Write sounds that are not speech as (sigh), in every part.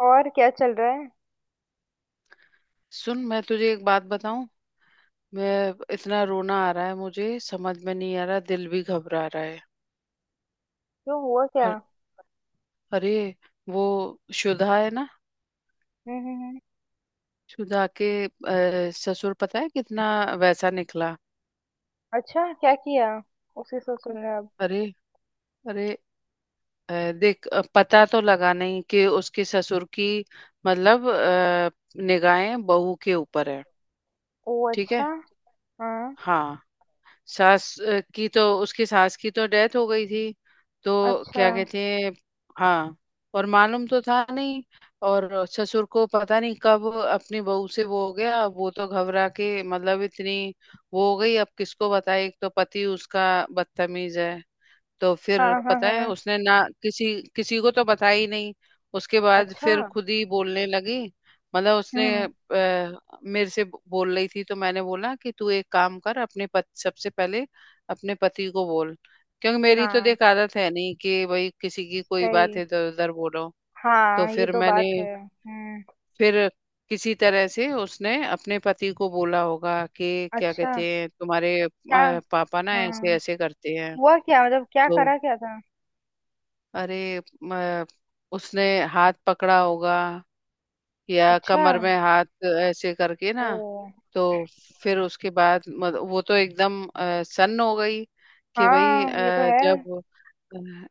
और क्या चल रहा है। सुन, मैं तुझे एक बात बताऊं। मैं इतना रोना आ रहा है, मुझे समझ में नहीं आ रहा, दिल भी घबरा रहा है। क्यों हुआ क्या। हर, अरे, वो शुदा है ना। हम्म हम्म हम्म। शुदा के ससुर, पता है कितना वैसा निकला। अच्छा क्या किया। उसी से सुन रहे अब। अरे, अरे। देख, पता तो लगा नहीं कि उसके ससुर की, मतलब निगाहें बहू के ऊपर है। ओ ठीक है। अच्छा। हाँ। हाँ। सास अ, की तो उसकी सास की तो डेथ हो गई थी। तो अच्छा। क्या कहते हैं। हाँ। और मालूम तो था नहीं। और ससुर को पता नहीं कब अपनी बहू से वो हो गया, वो तो घबरा के, मतलब, इतनी वो हो गई। अब किसको बताए, एक तो पति उसका बदतमीज है। तो फिर हाँ हाँ पता है, हाँ। उसने ना किसी किसी को तो बताया ही नहीं। उसके बाद अच्छा। फिर खुद ही बोलने लगी, मतलब उसने हम्म। मेरे से बोल रही थी। तो मैंने बोला कि तू एक काम कर, अपने सबसे पहले अपने पति को बोल, क्योंकि मेरी तो, हाँ। देख, आदत है नहीं कि भाई किसी की कोई बात सही। इधर उधर बोलो। तो हाँ ये फिर तो बात मैंने, है हम्म। फिर किसी तरह से उसने अपने पति को बोला होगा कि क्या अच्छा। कहते हैं, तुम्हारे क्या। पापा ना हाँ। ऐसे ऐसे करते हैं। हुआ क्या मतलब क्या तो, करा क्या था। अरे, उसने हाथ पकड़ा होगा, या अच्छा। कमर में हाथ ऐसे करके ओ। ना। तो फिर उसके बाद वो तो एकदम सन्न हो गई कि भाई, हाँ ये तो है। जब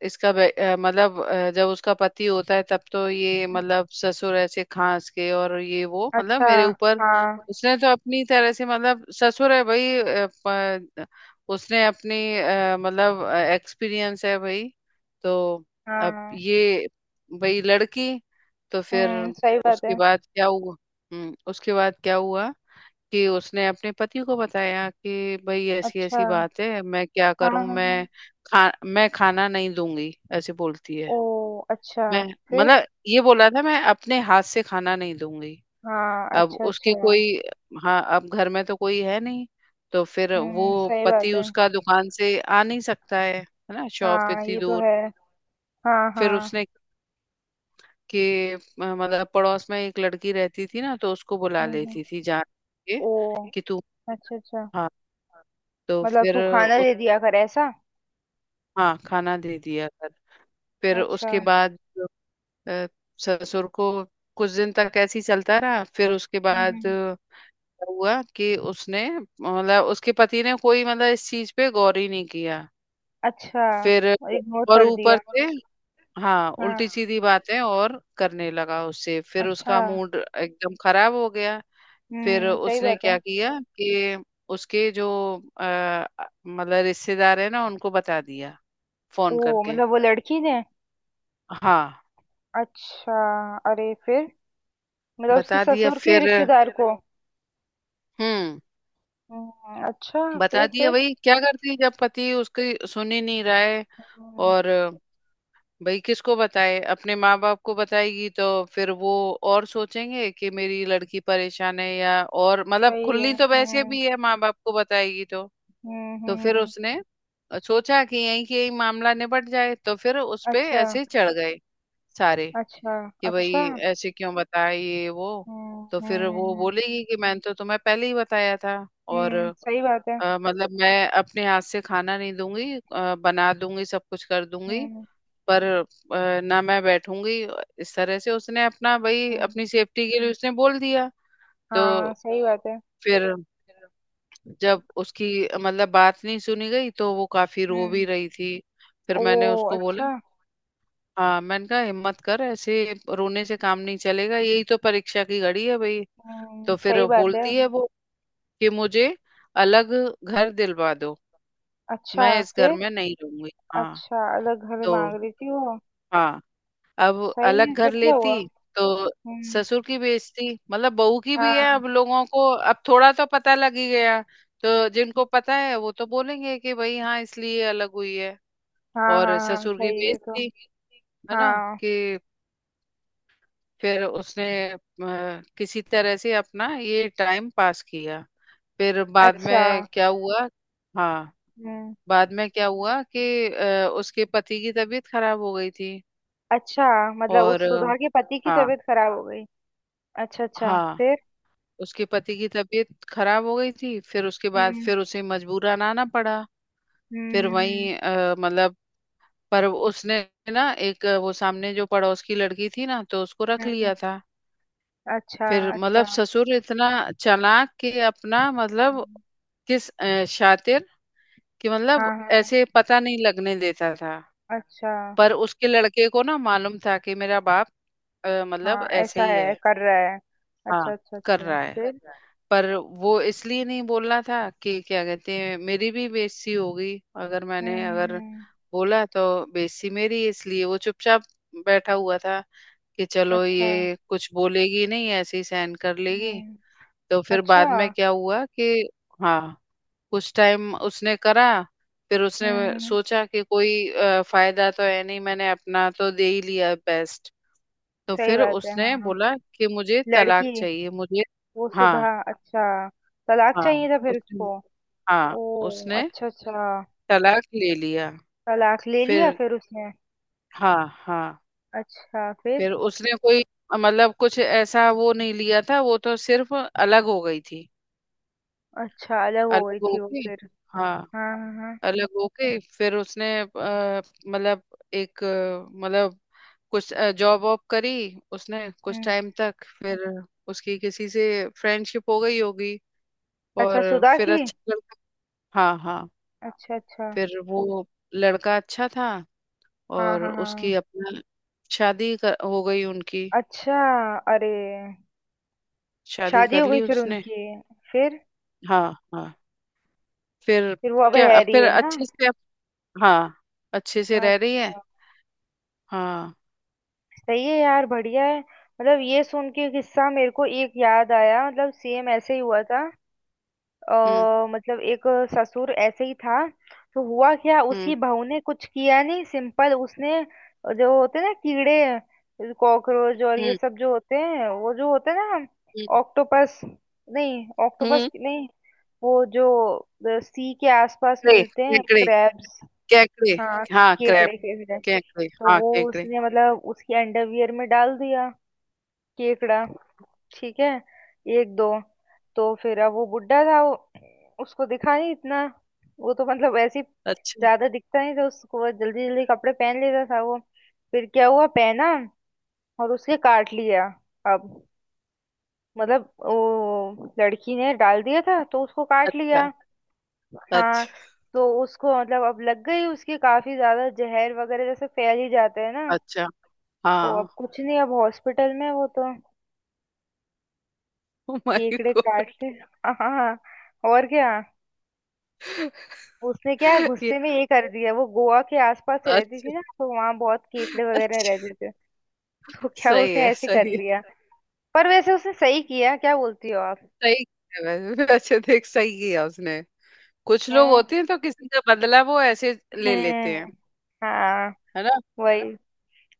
मतलब, जब उसका पति होता है तब तो ये, मतलब, ससुर ऐसे खांस के और ये वो, मतलब, अच्छा। मेरे ऊपर। हाँ उसने तो अपनी तरह से, मतलब, ससुर है भाई, उसने अपनी मतलब, एक्सपीरियंस है भाई। तो हाँ अब हाँ, ये, भाई, लड़की। तो फिर सही बात उसके है। बाद क्या हुआ। हम्म। उसके बाद क्या हुआ कि उसने अपने पति को बताया कि भाई ऐसी ऐसी अच्छा। बात है, मैं क्या हाँ हाँ करूं, हाँ। मैं खाना नहीं दूंगी, ऐसे बोलती है। ओ अच्छा। मैं, फिर। मतलब, ये बोला था, मैं अपने हाथ से खाना नहीं दूंगी। हाँ अब अच्छा उसके अच्छा। कोई, हाँ, अब घर में तो कोई है नहीं, तो फिर वो, सही पति बात है। उसका दुकान से आ नहीं सकता है ना, शॉप हाँ इतनी ये तो दूर। है। हाँ फिर उसने, हाँ। के मतलब, पड़ोस में एक लड़की रहती थी ना, तो उसको बुला हम्म हम्म, लेती थी, जान के ओ। कि तू, अच्छा अच्छा। हाँ, तो मतलब फिर, तू खाना दे दिया कर ऐसा। हाँ, खाना दे दिया कर। फिर अच्छा। उसके बाद अ, ससुर को कुछ दिन तक ऐसे ही चलता रहा, फिर उसके हम्म बाद हम्म, हुआ कि उसने, मतलब उसके पति ने, कोई, मतलब, इस चीज पे गौर ही नहीं किया। अच्छा। फिर इग्नोर और कर ऊपर दिया। से, हाँ, उल्टी हाँ। सीधी बातें और करने लगा उससे, फिर अच्छा। उसका मूड एकदम खराब हो गया। फिर सही उसने बात क्या है। किया कि उसके जो अ, मतलब रिश्तेदार है ना, उनको बता दिया, फोन ओ करके। मतलब वो लड़की ने। हाँ, अच्छा। अरे फिर। मतलब उसके बता दिया ससुर के फिर। रिश्तेदार को। हम्म। अच्छा बता फिर दिया, फिर भाई क्या करती, जब पति उसकी सुन ही नहीं रहा है। हम्म, और भाई किसको बताए, अपने माँ बाप को बताएगी तो फिर वो और सोचेंगे कि मेरी लड़की परेशान है, या और, मतलब, सही खुली है। तो वैसे भी है, माँ बाप को बताएगी तो। तो हम्म। फिर उसने सोचा कि यहीं के यहीं मामला निपट जाए, तो फिर उस पे अच्छा ऐसे चढ़ गए सारे अच्छा कि भाई अच्छा। ऐसे क्यों बताया ये वो। हम्म तो फिर हम्म वो हम्म, बोलेगी कि मैंने तो तुम्हें पहले ही बताया था, और सही बात है। मतलब, मैं अपने हाथ से खाना नहीं दूंगी, बना दूंगी, सब कुछ कर दूंगी, हम्म पर ना मैं बैठूंगी। इस तरह से उसने अपना, भाई, हम्म, अपनी सेफ्टी के लिए उसने बोल दिया। तो हाँ सही बात है। फिर जब उसकी मतलब बात नहीं सुनी गई, तो वो काफी रो भी हम्म। रही थी। फिर ओ मैंने उसको बोला, अच्छा। हाँ, मैंने कहा हिम्मत कर, ऐसे रोने से काम नहीं चलेगा, यही तो परीक्षा की घड़ी है भाई। तो फिर सही वो बात है। बोलती है, वो, कि मुझे अलग घर दिलवा दो, अच्छा मैं इस घर फिर। में नहीं रहूंगी। हाँ। अच्छा अलग घर तो, मांग रही थी वो। हाँ, अब, सही अलग है घर फिर क्या लेती हुआ। तो हम्म। ससुर की बेइज्जती, मतलब, बहू की भी है, अब हाँ। लोगों को अब थोड़ा तो पता लग ही गया। तो जिनको पता है वो तो बोलेंगे कि भाई, हाँ, इसलिए अलग हुई है, हाँ और हाँ हाँ ससुर की सही है तो। बेइज्जती, है ना, हाँ। कि फिर उसने अ, किसी तरह से अपना ये टाइम पास किया। फिर बाद अच्छा। में क्या हुआ। हाँ, हम्म। बाद में क्या हुआ कि उसके पति की तबीयत खराब हो गई थी, अच्छा। मतलब और उस सुधा के पति की हाँ, तबीयत खराब हो गई। अच्छा अच्छा हाँ, फिर। उसके पति की तबीयत खराब हो गई थी, फिर उसके बाद हम्म फिर उसे मजबूरन आना पड़ा। हम्म। फिर वहीं मतलब, पर उसने ना एक, वो सामने जो पड़ोस की लड़की थी ना, तो उसको रख हम्म हम्म, लिया था। अच्छा फिर, मतलब, अच्छा। ससुर इतना चालाक कि अपना, मतलब, हम्म, शातिर कि, मतलब, हाँ हाँ। ऐसे पता नहीं लगने देता था। अच्छा। पर उसके लड़के को ना मालूम था कि मेरा बाप हाँ मतलब ऐसे ऐसा ही है है। कर रहा है। हाँ, अच्छा अच्छा कर अच्छा। रहा है। फिर। पर वो इसलिए नहीं बोलना था कि क्या कहते हैं, मेरी भी बेइज्जती होगी, अगर मैंने अगर हम्म। बोला तो बेइज्जती मेरी, इसलिए वो चुपचाप बैठा हुआ था कि चलो अच्छा। ये कुछ बोलेगी नहीं, ऐसे ही सहन कर लेगी। हम्म। तो फिर अच्छा। बाद में क्या हुआ कि, हाँ, कुछ टाइम उसने करा, फिर उसने हम्म, हम्म। सोचा कि कोई फायदा तो है नहीं, मैंने अपना तो दे ही लिया बेस्ट। तो सही फिर बात है। उसने हाँ हाँ। बोला कि मुझे तलाक लड़की चाहिए मुझे। वो सुधा हाँ, अच्छा। तलाक हाँ। चाहिए था फिर उसने, उसको। हाँ, ओ। उसने अच्छा अच्छा। तलाक ले लिया। तलाक ले लिया फिर, फिर उसने। हाँ, हाँ, अच्छा फिर। फिर उसने कोई, मतलब, कुछ ऐसा वो नहीं लिया था, वो तो सिर्फ अलग हो गई थी। अच्छा अलग हो अलग गई थी वो होके, फिर। हाँ, हाँ हाँ हाँ। अलग होके फिर उसने मतलब, एक मतलब, कुछ जॉब वॉब करी उसने कुछ हम्म। टाइम तक, फिर उसकी किसी से फ्रेंडशिप हो गई होगी, अच्छा और सुधा फिर की। अच्छा लड़का, हाँ, हाँ, अच्छा अच्छा। फिर वो लड़का अच्छा था, हाँ और हाँ उसकी हाँ। अपना हो गई उनकी, अच्छा। अरे। शादी शादी कर हो ली गई फिर उसने। उनकी। फिर। हाँ, हाँ। फिर फिर वो अब क्या, रह रही फिर है ना। अच्छे से हाँ, अच्छे से रह रही है। अच्छा। हाँ। सही है यार बढ़िया है मतलब ये सुन के किस्सा मेरे को एक याद आया मतलब सेम ऐसे ही हुआ था। हम्म। मतलब एक ससुर ऐसे ही था। तो हुआ क्या हम्म। उसकी बहू ने कुछ किया नहीं सिंपल उसने जो होते हैं ना कीड़े कॉकरोच और ये हम्म। सब जो होते हैं वो जो होते हैं ना। हम्म। ऑक्टोपस। नहीं ऑक्टोपस हम्म। नहीं। वो जो सी के आसपास कैकड़े। मिलते हैं क्रैब्स। कैकड़े। कैकड़े। हाँ। हाँ, क्रैप। केकड़े केकड़े। कैकड़े। तो हाँ, वो कैकड़े। उसने मतलब उसकी अंडरवियर में डाल दिया केकड़ा। ठीक है। एक दो। तो फिर अब वो बुड्ढा था वो उसको दिखा नहीं इतना वो तो मतलब ऐसे ही। अच्छा। ज्यादा दिखता नहीं था उसको वो जल्दी जल्दी कपड़े पहन लेता था वो। फिर क्या हुआ पहना और उसके काट लिया। अब मतलब वो लड़की ने डाल दिया था तो उसको काट अच्छा। लिया। हाँ। अच्छा। तो उसको मतलब अब लग गई उसकी काफी ज्यादा जहर वगैरह जैसे फैल ही जाते हैं ना। अच्छा। तो हाँ, अब कुछ नहीं अब हॉस्पिटल में है वो तो। ओ माय केकड़े गॉड। काट ले। हाँ। और क्या। उसने क्या ये, गुस्से में ये कर दिया वो गोवा के आसपास से रहती अच्छा, थी ना तो वहां बहुत केकड़े वगैरह रहते अच्छा। थे। तो क्या सही उसने है, ऐसे कर सही है। लिया। पर वैसे उसने सही किया क्या बोलती हो आप। सही है वैसे, (laughs) वैसे देख, सही किया उसने। कुछ लोग है? होते हैं तो किसी का बदला वो ऐसे ले लेते हैं, हम्म। हाँ। है ना। वही।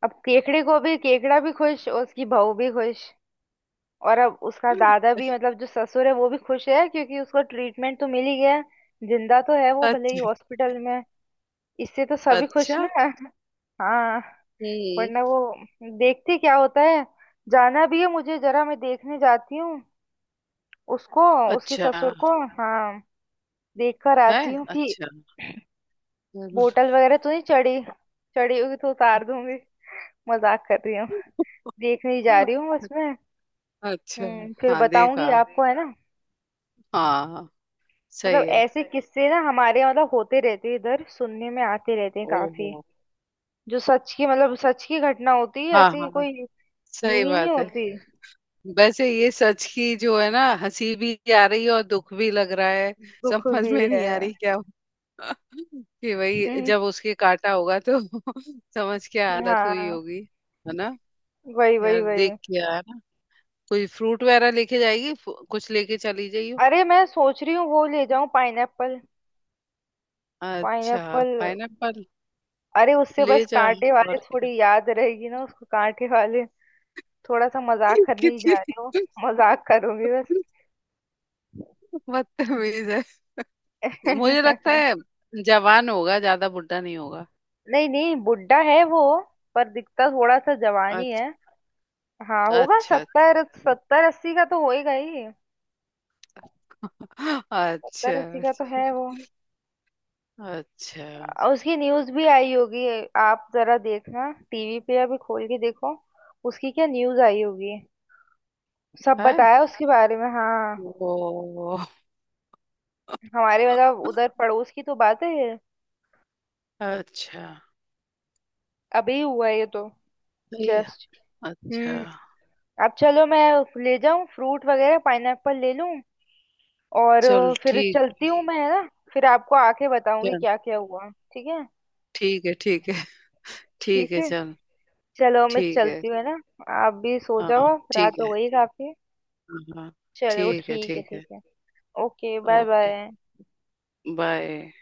अब केकड़े को भी केकड़ा भी खुश और उसकी बहू भी खुश। और अब उसका दादा भी मतलब जो ससुर है वो भी खुश है क्योंकि उसको ट्रीटमेंट तो मिल ही गया। जिंदा तो है वो भले ही अच्छा। हॉस्पिटल में। इससे तो सभी खुश अच्छा। ना। हाँ। वरना हम्म। वो देखते क्या होता है। जाना भी है मुझे जरा मैं देखने जाती हूँ उसको उसके अच्छा। ससुर को। हाँ। देख कर है। आती हूँ कि अच्छा। (laughs) चलो। बोतल वगैरह तो नहीं चढ़ी। चढ़ी होगी तो उतार दूंगी। मजाक कर रही हूँ। देखने ही जा रही हूँ बस मैं। अच्छा। फिर हाँ, बताऊंगी देखा। आपको है ना। हाँ, सही मतलब है। ऐसे किस्से ना हमारे यहाँ मतलब होते रहते हैं इधर सुनने में आते रहते हैं काफी। ओहो। जो सच की मतलब सच की घटना होती है हाँ, ऐसी हाँ, कोई सही यूं ही नहीं बात है। होती। वैसे ये सच की जो है ना, हंसी भी आ रही है और दुख भी लग रहा है। दुख समझ भी में नहीं है आ रही क्या हुआ। (laughs) कि वही, हम्म। जब उसके काटा होगा तो (laughs) समझ क्या हालत हुई हाँ। होगी। है ना। वही यार, वही वही। देख के आया ना, कोई फ्रूट वगैरह लेके जाएगी, कुछ लेके चली जाइयो। अरे मैं सोच रही हूँ वो ले जाऊं पाइनएप्पल। अच्छा, पाइनएप्पल। पाइनएप्पल। अरे उससे ले बस जा, कांटे वाले और क्या। थोड़ी याद रहेगी ना उसको कांटे वाले। थोड़ा सा मजाक (laughs) करने ही कितनी जा रही हूँ। मजाक करूंगी बस। बदतमीज है। मुझे लगता है (laughs) जवान होगा, ज्यादा बुढ़ा नहीं होगा। नहीं नहीं बुड्ढा है वो। पर दिखता थोड़ा सा जवान ही अच्छा। है। हाँ अच्छा। होगा अच्छा। सत्तर सत्तर अस्सी का तो होएगा ही। अच्छा। 70-80 का तो है वो। अच्छा। उसकी न्यूज भी आई होगी। आप जरा देखना टीवी पे अभी खोल के देखो। उसकी क्या न्यूज आई होगी। सब अच्छा, है। बताया उसके बारे में हाँ। ओ। हमारे मतलब उधर पड़ोस की तो बात है ये। अच्छा। अभी हुआ है ये तो। सही है। जस्ट। अच्छा। हम्म। अब चलो मैं ले जाऊं फ्रूट वगैरह पाइनएप्पल ले लूं। और चल, फिर ठीक। चलती हूँ मैं है ना फिर आपको आके बताऊंगी चल। क्या क्या हुआ ठीक है। ठीक है। ठीक है। ठीक ठीक है, है चल। चलो मैं ठीक है। चलती हूँ है ना। आप भी सो हाँ। जाओ आप, ठीक रात हो है। गई काफी। हाँ, हाँ। चलो ठीक है। ठीक है ठीक है। ठीक है। Okay bye okay. Bye. Bye.